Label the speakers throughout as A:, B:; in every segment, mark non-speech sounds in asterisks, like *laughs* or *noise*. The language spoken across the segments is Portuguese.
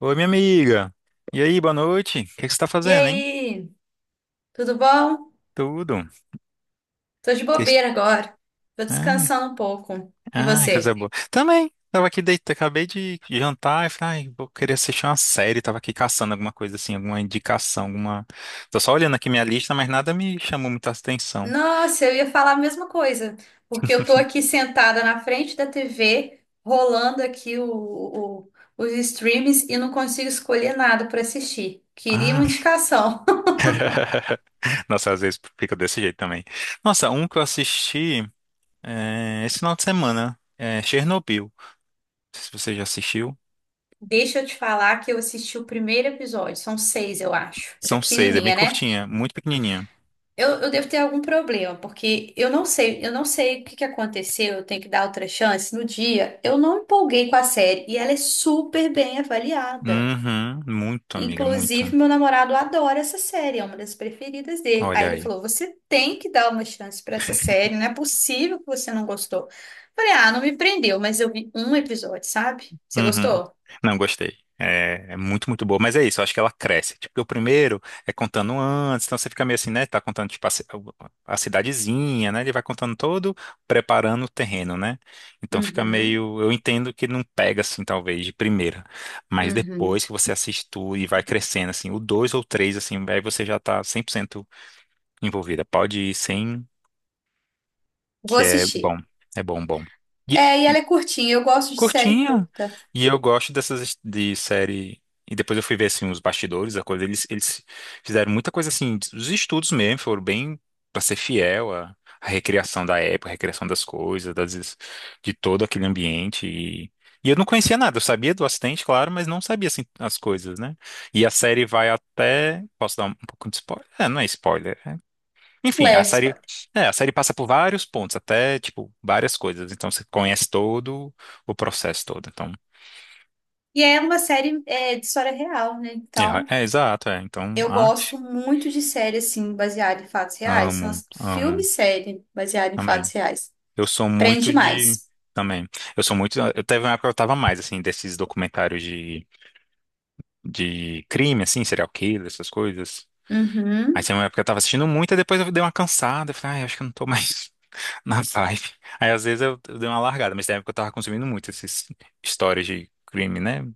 A: Oi, minha amiga. E aí, boa noite. O que que você tá
B: E
A: fazendo, hein?
B: aí, tudo bom?
A: Tudo.
B: Tô de
A: Que
B: bobeira
A: que-
B: agora. Tô
A: Ai,
B: descansando um pouco. E
A: ai, coisa
B: você?
A: boa. Também, tava aqui deitado, acabei de jantar e falei, ai, vou querer assistir uma série. Tava aqui caçando alguma coisa assim, alguma indicação, alguma. Tô só olhando aqui minha lista, mas nada me chamou muita atenção.
B: Nossa, eu ia falar a mesma coisa, porque eu tô aqui sentada na frente da TV, rolando aqui o- os streams e não consigo escolher nada pra assistir. Queria uma
A: Ah.
B: indicação.
A: *laughs* Nossa, às vezes fica desse jeito também. Nossa, um que eu assisti é, esse final de semana é Chernobyl. Não sei se você já assistiu.
B: *laughs* Deixa eu te falar que eu assisti o primeiro episódio, são seis, eu acho. É
A: São seis, é bem
B: pequenininha, né?
A: curtinha, muito pequenininha.
B: Eu devo ter algum problema, porque eu não sei o que que aconteceu, eu tenho que dar outra chance. No dia, eu não empolguei com a série e ela é super bem avaliada.
A: Uhum, muito, amiga, muito.
B: Inclusive, meu namorado adora essa série, é uma das preferidas dele.
A: Olha
B: Aí ele
A: aí.
B: falou: "Você tem que dar uma chance pra essa série, não é possível que você não gostou". Falei: "Ah, não me prendeu, mas eu vi um episódio, sabe? Você
A: Uhum.
B: gostou?
A: Não, gostei. É muito, muito boa. Mas é isso, eu acho que ela cresce. Tipo, porque o primeiro é contando antes, então você fica meio assim, né? Tá contando, tipo, a cidadezinha, né? Ele vai contando todo, preparando o terreno, né? Então fica
B: Uhum,
A: meio. Eu entendo que não pega, assim, talvez, de primeira. Mas
B: uhum.
A: depois que você assiste tudo e vai crescendo, assim, o dois ou três, assim, aí você já tá 100% envolvida. Pode ir sem,
B: Vou
A: que é
B: assistir".
A: bom. É bom, bom.
B: É, e ela é curtinha, eu gosto de série
A: Curtinha.
B: curta,
A: E eu gosto dessas de série. E depois eu fui ver assim os bastidores, a coisa. Eles fizeram muita coisa assim, os estudos mesmo, foram bem para ser fiel à recriação da época, à recriação das coisas, de todo aquele ambiente. E eu não conhecia nada, eu sabia do acidente, claro, mas não sabia assim as coisas, né? E a série vai até. Posso dar um pouco de spoiler? É, não é spoiler. Enfim, a
B: leve.
A: série, passa por vários pontos, até, tipo, várias coisas. Então, você conhece todo o processo todo. Então,
B: E é uma série é, de história real, né? Então,
A: é, exato, é. Então,
B: eu
A: ah,
B: gosto muito de série, assim, baseada em fatos reais. São
A: amo,
B: as filme e
A: amo,
B: série baseada em fatos
A: amém.
B: reais.
A: Eu sou
B: Prende
A: muito de,
B: mais.
A: também, eu sou muito, eu teve uma época que eu tava mais, assim, desses documentários de crime, assim, serial killer, essas coisas. Aí
B: Uhum,
A: tinha uma época que eu tava assistindo muito, e depois eu dei uma cansada, eu falei, ah, eu acho que eu não tô mais *laughs* na vibe. Aí, às vezes, eu dei uma largada, mas na época eu tava consumindo muito esses histórias de crime, né?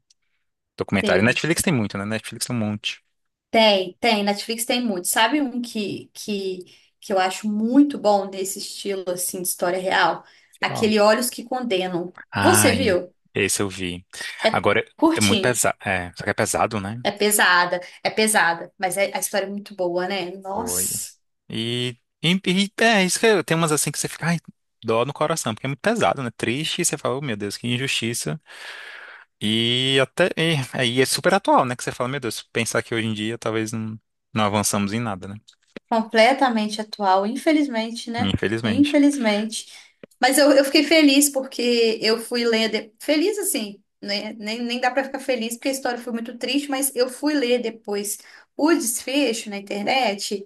A: Documentário.
B: sim.
A: Netflix tem muito, né? Netflix tem um monte.
B: Tem, tem. Netflix tem muito. Sabe um que eu acho muito bom desse estilo, assim, de história real?
A: Qual?
B: Aquele Olhos que Condenam. Você
A: Ai,
B: viu?
A: esse eu vi.
B: É
A: Agora, é muito
B: curtinha.
A: pesado. É, só que é pesado, né?
B: É pesada. É pesada. Mas é, a história é muito boa, né?
A: Foi.
B: Nossa.
A: Tem umas assim que você fica, ai, dó no coração, porque é muito pesado, né? Triste, e você fala, oh, meu Deus, que injustiça. E até, aí é super atual, né? Que você fala, meu Deus, pensar que hoje em dia talvez não, não avançamos em nada, né?
B: Completamente atual, infelizmente, né?
A: Infelizmente.
B: Infelizmente. Mas eu fiquei feliz porque eu fui ler. De- Feliz assim, né? Nem, nem dá pra ficar feliz porque a história foi muito triste, mas eu fui ler depois o desfecho na internet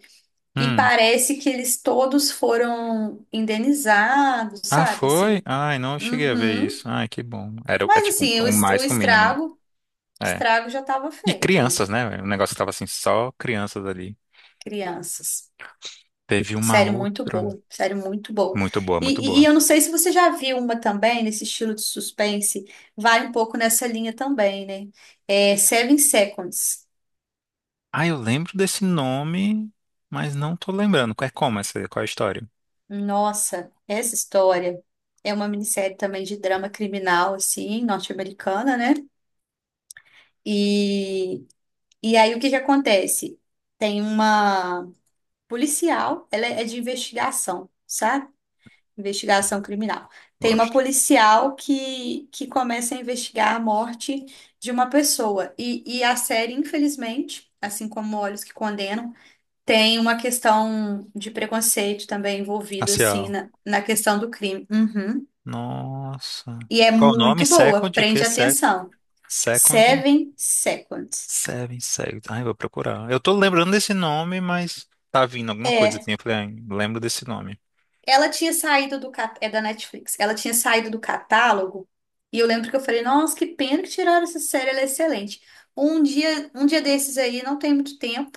B: e
A: Hum.
B: parece que eles todos foram indenizados,
A: Ah,
B: sabe?
A: foi?
B: Assim,
A: Ai, não cheguei a ver
B: uhum.
A: isso. Ai, que bom. Era, o- é
B: Mas
A: tipo
B: assim, o,
A: o
B: es-
A: mais que o mínimo, né?
B: o
A: é
B: estrago já estava
A: E
B: feito, né?
A: crianças, né? O negócio que tava assim, só crianças ali.
B: Crianças.
A: Teve uma
B: Série muito
A: outra.
B: boa, série muito boa.
A: Muito boa, muito boa.
B: Eu não sei se você já viu uma também, nesse estilo de suspense, vai um pouco nessa linha também, né? É Seven Seconds.
A: Ah, eu lembro desse nome, mas não tô lembrando. É como essa? Qual é a história?
B: Nossa, essa história é uma minissérie também de drama criminal, assim, norte-americana, né? E, aí o que que acontece? Tem uma policial, ela é de investigação, sabe? Investigação criminal. Tem uma
A: Gosto.
B: policial que começa a investigar a morte de uma pessoa. E a série, infelizmente, assim como Olhos que Condenam, tem uma questão de preconceito também envolvido, assim,
A: Racial.
B: na questão do crime. Uhum.
A: Nossa.
B: E é
A: Qual o nome?
B: muito boa,
A: Second? O quê?
B: prende
A: Se
B: atenção.
A: Second?
B: Seven Seconds.
A: Seven Seconds. Ai, vou procurar. Eu tô lembrando desse nome, mas tá vindo alguma coisa
B: É.
A: assim. Eu falei, ai, lembro desse nome.
B: Ela tinha saído do cat... é da Netflix. Ela tinha saído do catálogo e eu lembro que eu falei, nossa, que pena que tiraram essa série, ela é excelente. Um dia desses aí, não tem muito tempo,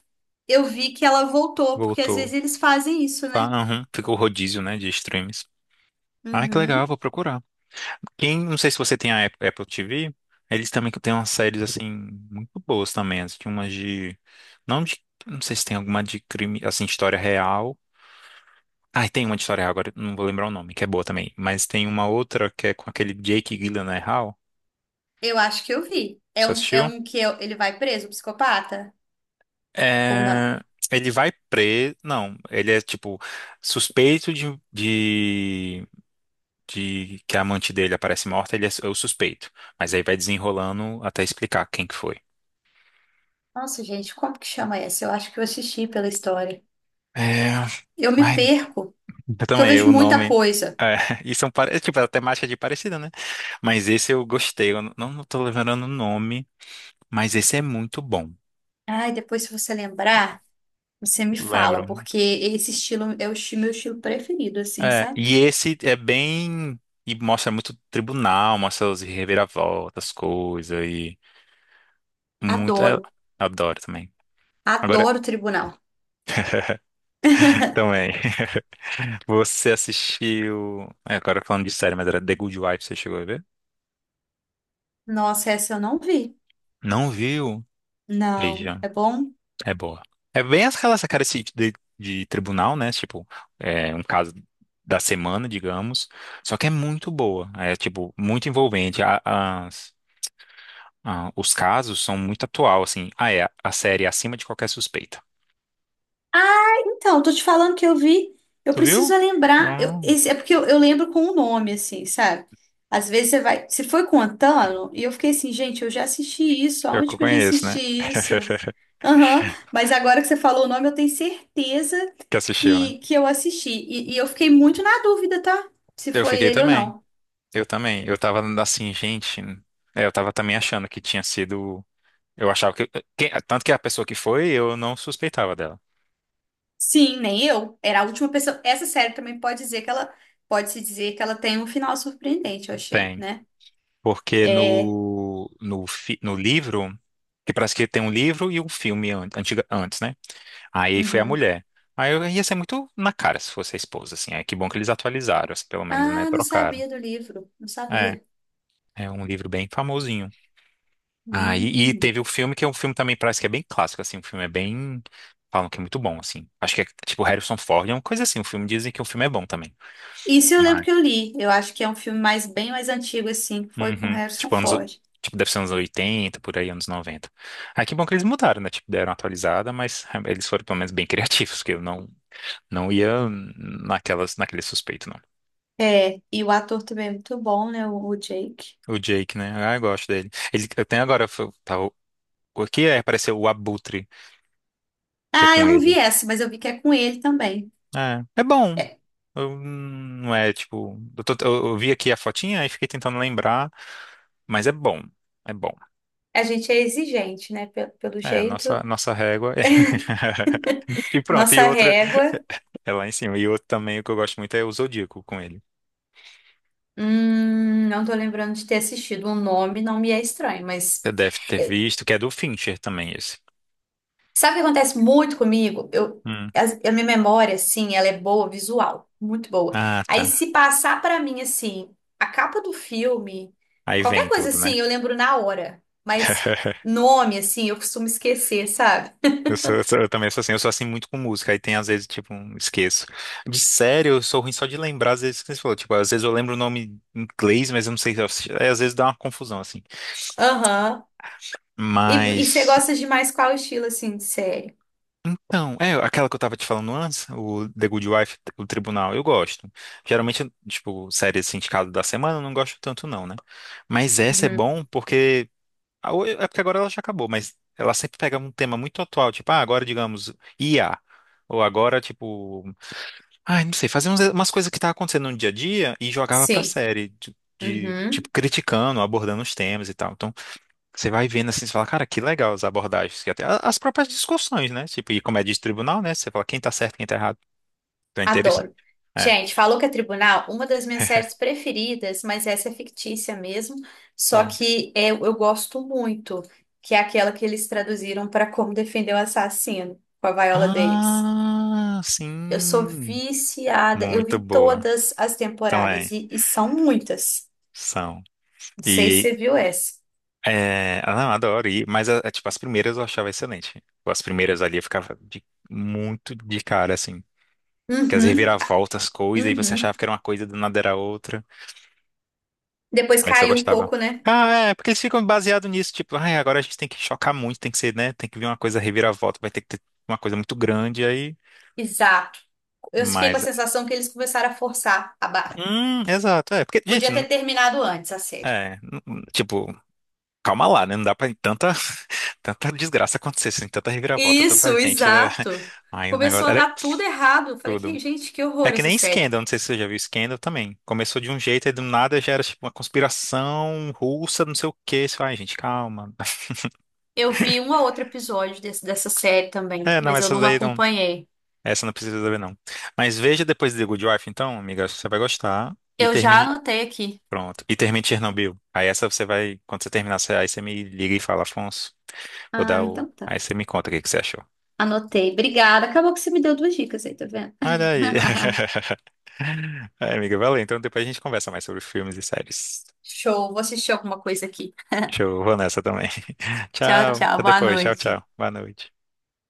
B: eu vi que ela voltou, porque às
A: Voltou.
B: vezes eles fazem isso, né?
A: Ah, uhum. Ficou rodízio, né, de streams. Ai, que legal,
B: Uhum.
A: vou procurar. Quem, não sei se você tem a Apple TV, eles também que têm umas séries assim muito boas também, assim, tinha umas de não sei se tem alguma de crime, assim, história real. Ah, tem uma de história real agora, não vou lembrar o nome, que é boa também, mas tem uma outra que é com aquele Jake Gyllenhaal.
B: Eu acho que eu vi. É
A: Você
B: um, é
A: assistiu?
B: um que eu- ele vai preso, o psicopata? Ou não?
A: É, ele vai preso, não, ele é tipo suspeito de que a amante dele aparece morta, ele é o suspeito, mas aí vai desenrolando até explicar quem que foi.
B: Nossa, gente, como que chama essa? Eu acho que eu assisti pela história.
A: É,
B: Eu me
A: ai,
B: perco,
A: *laughs* Eu
B: porque eu
A: também,
B: vejo
A: o
B: muita
A: nome.
B: coisa.
A: É, *laughs* e são, é, tipo, a temática de parecida, né? Mas esse eu gostei. Eu não tô lembrando o nome, mas esse é muito bom.
B: Ai, depois se você lembrar. Você me fala,
A: Lembro.
B: porque esse estilo é o esti- meu estilo preferido, assim,
A: É,
B: sabe?
A: e esse é bem. E mostra muito tribunal, mostra os reviravoltas, coisas e. Muito. É,
B: Adoro,
A: adoro também. Agora,
B: adoro tribunal.
A: *laughs* também. Você assistiu. É, agora falando de série, mas era The Good Wife, você chegou a ver?
B: Nossa, essa eu não vi.
A: Não viu?
B: Não,
A: Veja.
B: é bom?
A: É boa. É bem aquela essa cara esse de tribunal, né? Tipo, é um caso da semana, digamos. Só que é muito boa. É, tipo, muito envolvente. Os casos são muito atual, assim. Ah, é. A série é Acima de Qualquer Suspeita.
B: Ah, então, tô te falando que eu vi. Eu
A: Tu viu?
B: preciso lembrar.
A: Ah,
B: Eu, esse, é porque eu lembro com o nome, assim, sabe? Às vezes você vai. Você foi contando, e eu fiquei assim, gente, eu já assisti isso.
A: eu que
B: Aonde
A: eu
B: que eu já
A: conheço, né?
B: assisti isso?
A: *laughs*
B: Aham, mas agora que você falou o nome, eu tenho certeza
A: Que assistiu, né?
B: que eu assisti. Eu fiquei muito na dúvida, tá? Se
A: Eu
B: foi
A: fiquei
B: ele ou
A: também.
B: não.
A: Eu também. Eu tava assim, gente. Eu tava também achando que tinha sido. Eu achava que. Tanto que a pessoa que foi, eu não suspeitava dela.
B: Sim, nem eu. Era a última pessoa. Essa série também pode dizer que ela pode se dizer que ela tem um final surpreendente, eu achei,
A: Tem.
B: né?
A: Porque
B: É.
A: no livro, que parece que tem um livro e um filme antes, né? Aí foi a
B: Uhum.
A: mulher. Aí eu ia ser muito na cara se fosse a esposa, assim. É que bom que eles atualizaram, assim, pelo menos, né?
B: Ah, não
A: Trocaram.
B: sabia do livro. Não
A: É,
B: sabia.
A: é um livro bem famosinho. Ah, e
B: Hum.
A: teve o filme, que é um filme também parece que é bem clássico, assim. O filme é bem. Falam que é muito bom, assim. Acho que é tipo Harrison Ford, é uma coisa assim. O filme dizem que o filme é bom também.
B: Isso eu lembro que eu li. Eu acho que é um filme mais bem mais antigo, assim, que foi com
A: Uhum.
B: Harrison
A: Tipo,
B: Ford.
A: deve ser anos 80 por aí, anos 90. Ah, que bom que eles mudaram, né? Tipo, deram uma atualizada, mas ah, eles foram pelo menos bem *laughs* criativos, que eu não ia naquelas, naquele suspeito, não.
B: É, e o ator também é muito bom, né? O Jake.
A: O Jake, né? Ah, eu gosto dele. Ele, eu tenho agora, tá, o, aqui é, apareceu o Abutre, que é
B: Ah, eu
A: com
B: não vi
A: ele.
B: essa, mas eu vi que é com ele também.
A: É bom.
B: É,
A: Eu, não é, tipo. Eu vi aqui a fotinha e fiquei tentando lembrar, mas é bom. É bom.
B: a gente é exigente, né? Pe- Pelo,
A: É,
B: jeito,
A: nossa, nossa régua. *laughs* E pronto, e
B: nossa
A: outra
B: régua.
A: é lá em cima. E outro também, o que eu gosto muito é o Zodíaco com ele.
B: Não tô lembrando de ter assistido. O nome não me é estranho, mas
A: Você deve ter
B: eu-
A: visto, que é do Fincher também esse.
B: sabe o que acontece muito comigo? Eu,
A: Hum.
B: as- a, minha memória, assim, ela é boa, visual, muito boa.
A: Ah,
B: Aí
A: tá.
B: se passar pra mim, assim, a capa do filme,
A: Aí
B: qualquer
A: vem
B: coisa
A: tudo, né?
B: assim, eu lembro na hora. Mas
A: *laughs*
B: nome, assim, eu costumo esquecer, sabe?
A: Eu também sou assim, muito com música, aí tem às vezes, tipo, esqueço. De sério, eu sou ruim só de lembrar, às vezes, que você falou, tipo, às vezes eu lembro o nome em inglês, mas eu não sei, se eu- é, às vezes dá uma confusão, assim.
B: Aham. E, você
A: Mas
B: gosta de mais qual estilo, assim, de série?
A: então, é aquela que eu tava te falando antes, o The Good Wife, o Tribunal, eu gosto. Geralmente, tipo, série sindicado da semana, eu não gosto tanto não, né? Mas essa é
B: Uhum.
A: bom porque é porque agora ela já acabou, mas ela sempre pega um tema muito atual, tipo, ah, agora digamos IA, ou agora tipo, ah, não sei, fazia umas coisas que tá acontecendo no dia a dia e jogava pra
B: Sim.
A: série de, tipo
B: Uhum.
A: criticando, abordando os temas e tal. Então, você vai vendo assim, você fala, cara, que legal as abordagens, que até as próprias discussões, né? Tipo, e como é de tribunal, né? Você fala quem tá certo, quem tá errado. Então é interessante.
B: Adoro.
A: É.
B: Gente, falou que é tribunal, uma das minhas séries preferidas, mas essa é fictícia mesmo, só
A: Ó.
B: que é- eu gosto muito, que é aquela que eles traduziram para Como Defender o Assassino, com a Viola Davis.
A: Ah,
B: Eu sou
A: sim.
B: viciada, eu
A: Muito
B: vi
A: boa.
B: todas as
A: Então
B: temporadas
A: é,
B: e são muitas.
A: são.
B: Não sei se
A: E
B: você viu essa.
A: é, ah, não, adoro. E, mas tipo, as primeiras eu achava excelente. As primeiras ali eu ficava muito de cara, assim. Que as
B: Uhum,
A: reviravoltas, coisas, e você achava
B: uhum.
A: que era uma coisa, do nada era outra.
B: Depois
A: Essa eu
B: caiu um
A: gostava.
B: pouco, né?
A: Ah, é, porque eles ficam baseados nisso, tipo, ai, agora a gente tem que chocar muito, tem que ser, né? Tem que vir uma coisa reviravolta, vai ter que ter uma coisa muito grande aí.
B: Exato. Eu fiquei com a
A: Mas.
B: sensação que eles começaram a forçar a barra.
A: Exato, é. Porque, gente,
B: Podia ter terminado antes a série.
A: tipo, calma lá, né? Não dá pra tanta, *laughs* tanta desgraça acontecer, assim, tanta reviravolta, tanta
B: Isso,
A: gente, né? *laughs*
B: exato.
A: Ai, o
B: Começou
A: negócio
B: a
A: era
B: dar tudo errado. Eu Falei,
A: tudo.
B: "Que- gente, que horror
A: É que
B: essa
A: nem
B: série.
A: Scandal, não sei se você já viu Scandal também. Começou de um jeito e do nada já era tipo uma conspiração russa, não sei o quê. Você fala, Ai, gente, calma. *laughs*
B: Eu vi um ou outro episódio desse- dessa série também,
A: É, não,
B: mas eu
A: essas
B: não
A: daí não.
B: acompanhei.
A: Essa não precisa saber, não. Mas veja depois de The Good Wife, então, amiga, você vai gostar. E
B: Eu já
A: termine.
B: anotei aqui.
A: Pronto. E termine Chernobyl. Aí essa você vai. Quando você terminar, aí você me liga e fala, Afonso, vou
B: Ah,
A: dar o.
B: então tá.
A: Aí você me conta o que que você achou.
B: Anotei. Obrigada. Acabou que você me deu duas dicas aí, tá vendo?
A: Olha aí.
B: *laughs*
A: *laughs* Aí, amiga, valeu. Então depois a gente conversa mais sobre filmes e séries.
B: Show, vou assistir alguma coisa aqui.
A: Show, vou nessa também. *laughs*
B: Tchau,
A: Tchau.
B: tchau,
A: Até
B: boa
A: depois. Tchau, tchau.
B: noite.
A: Boa noite.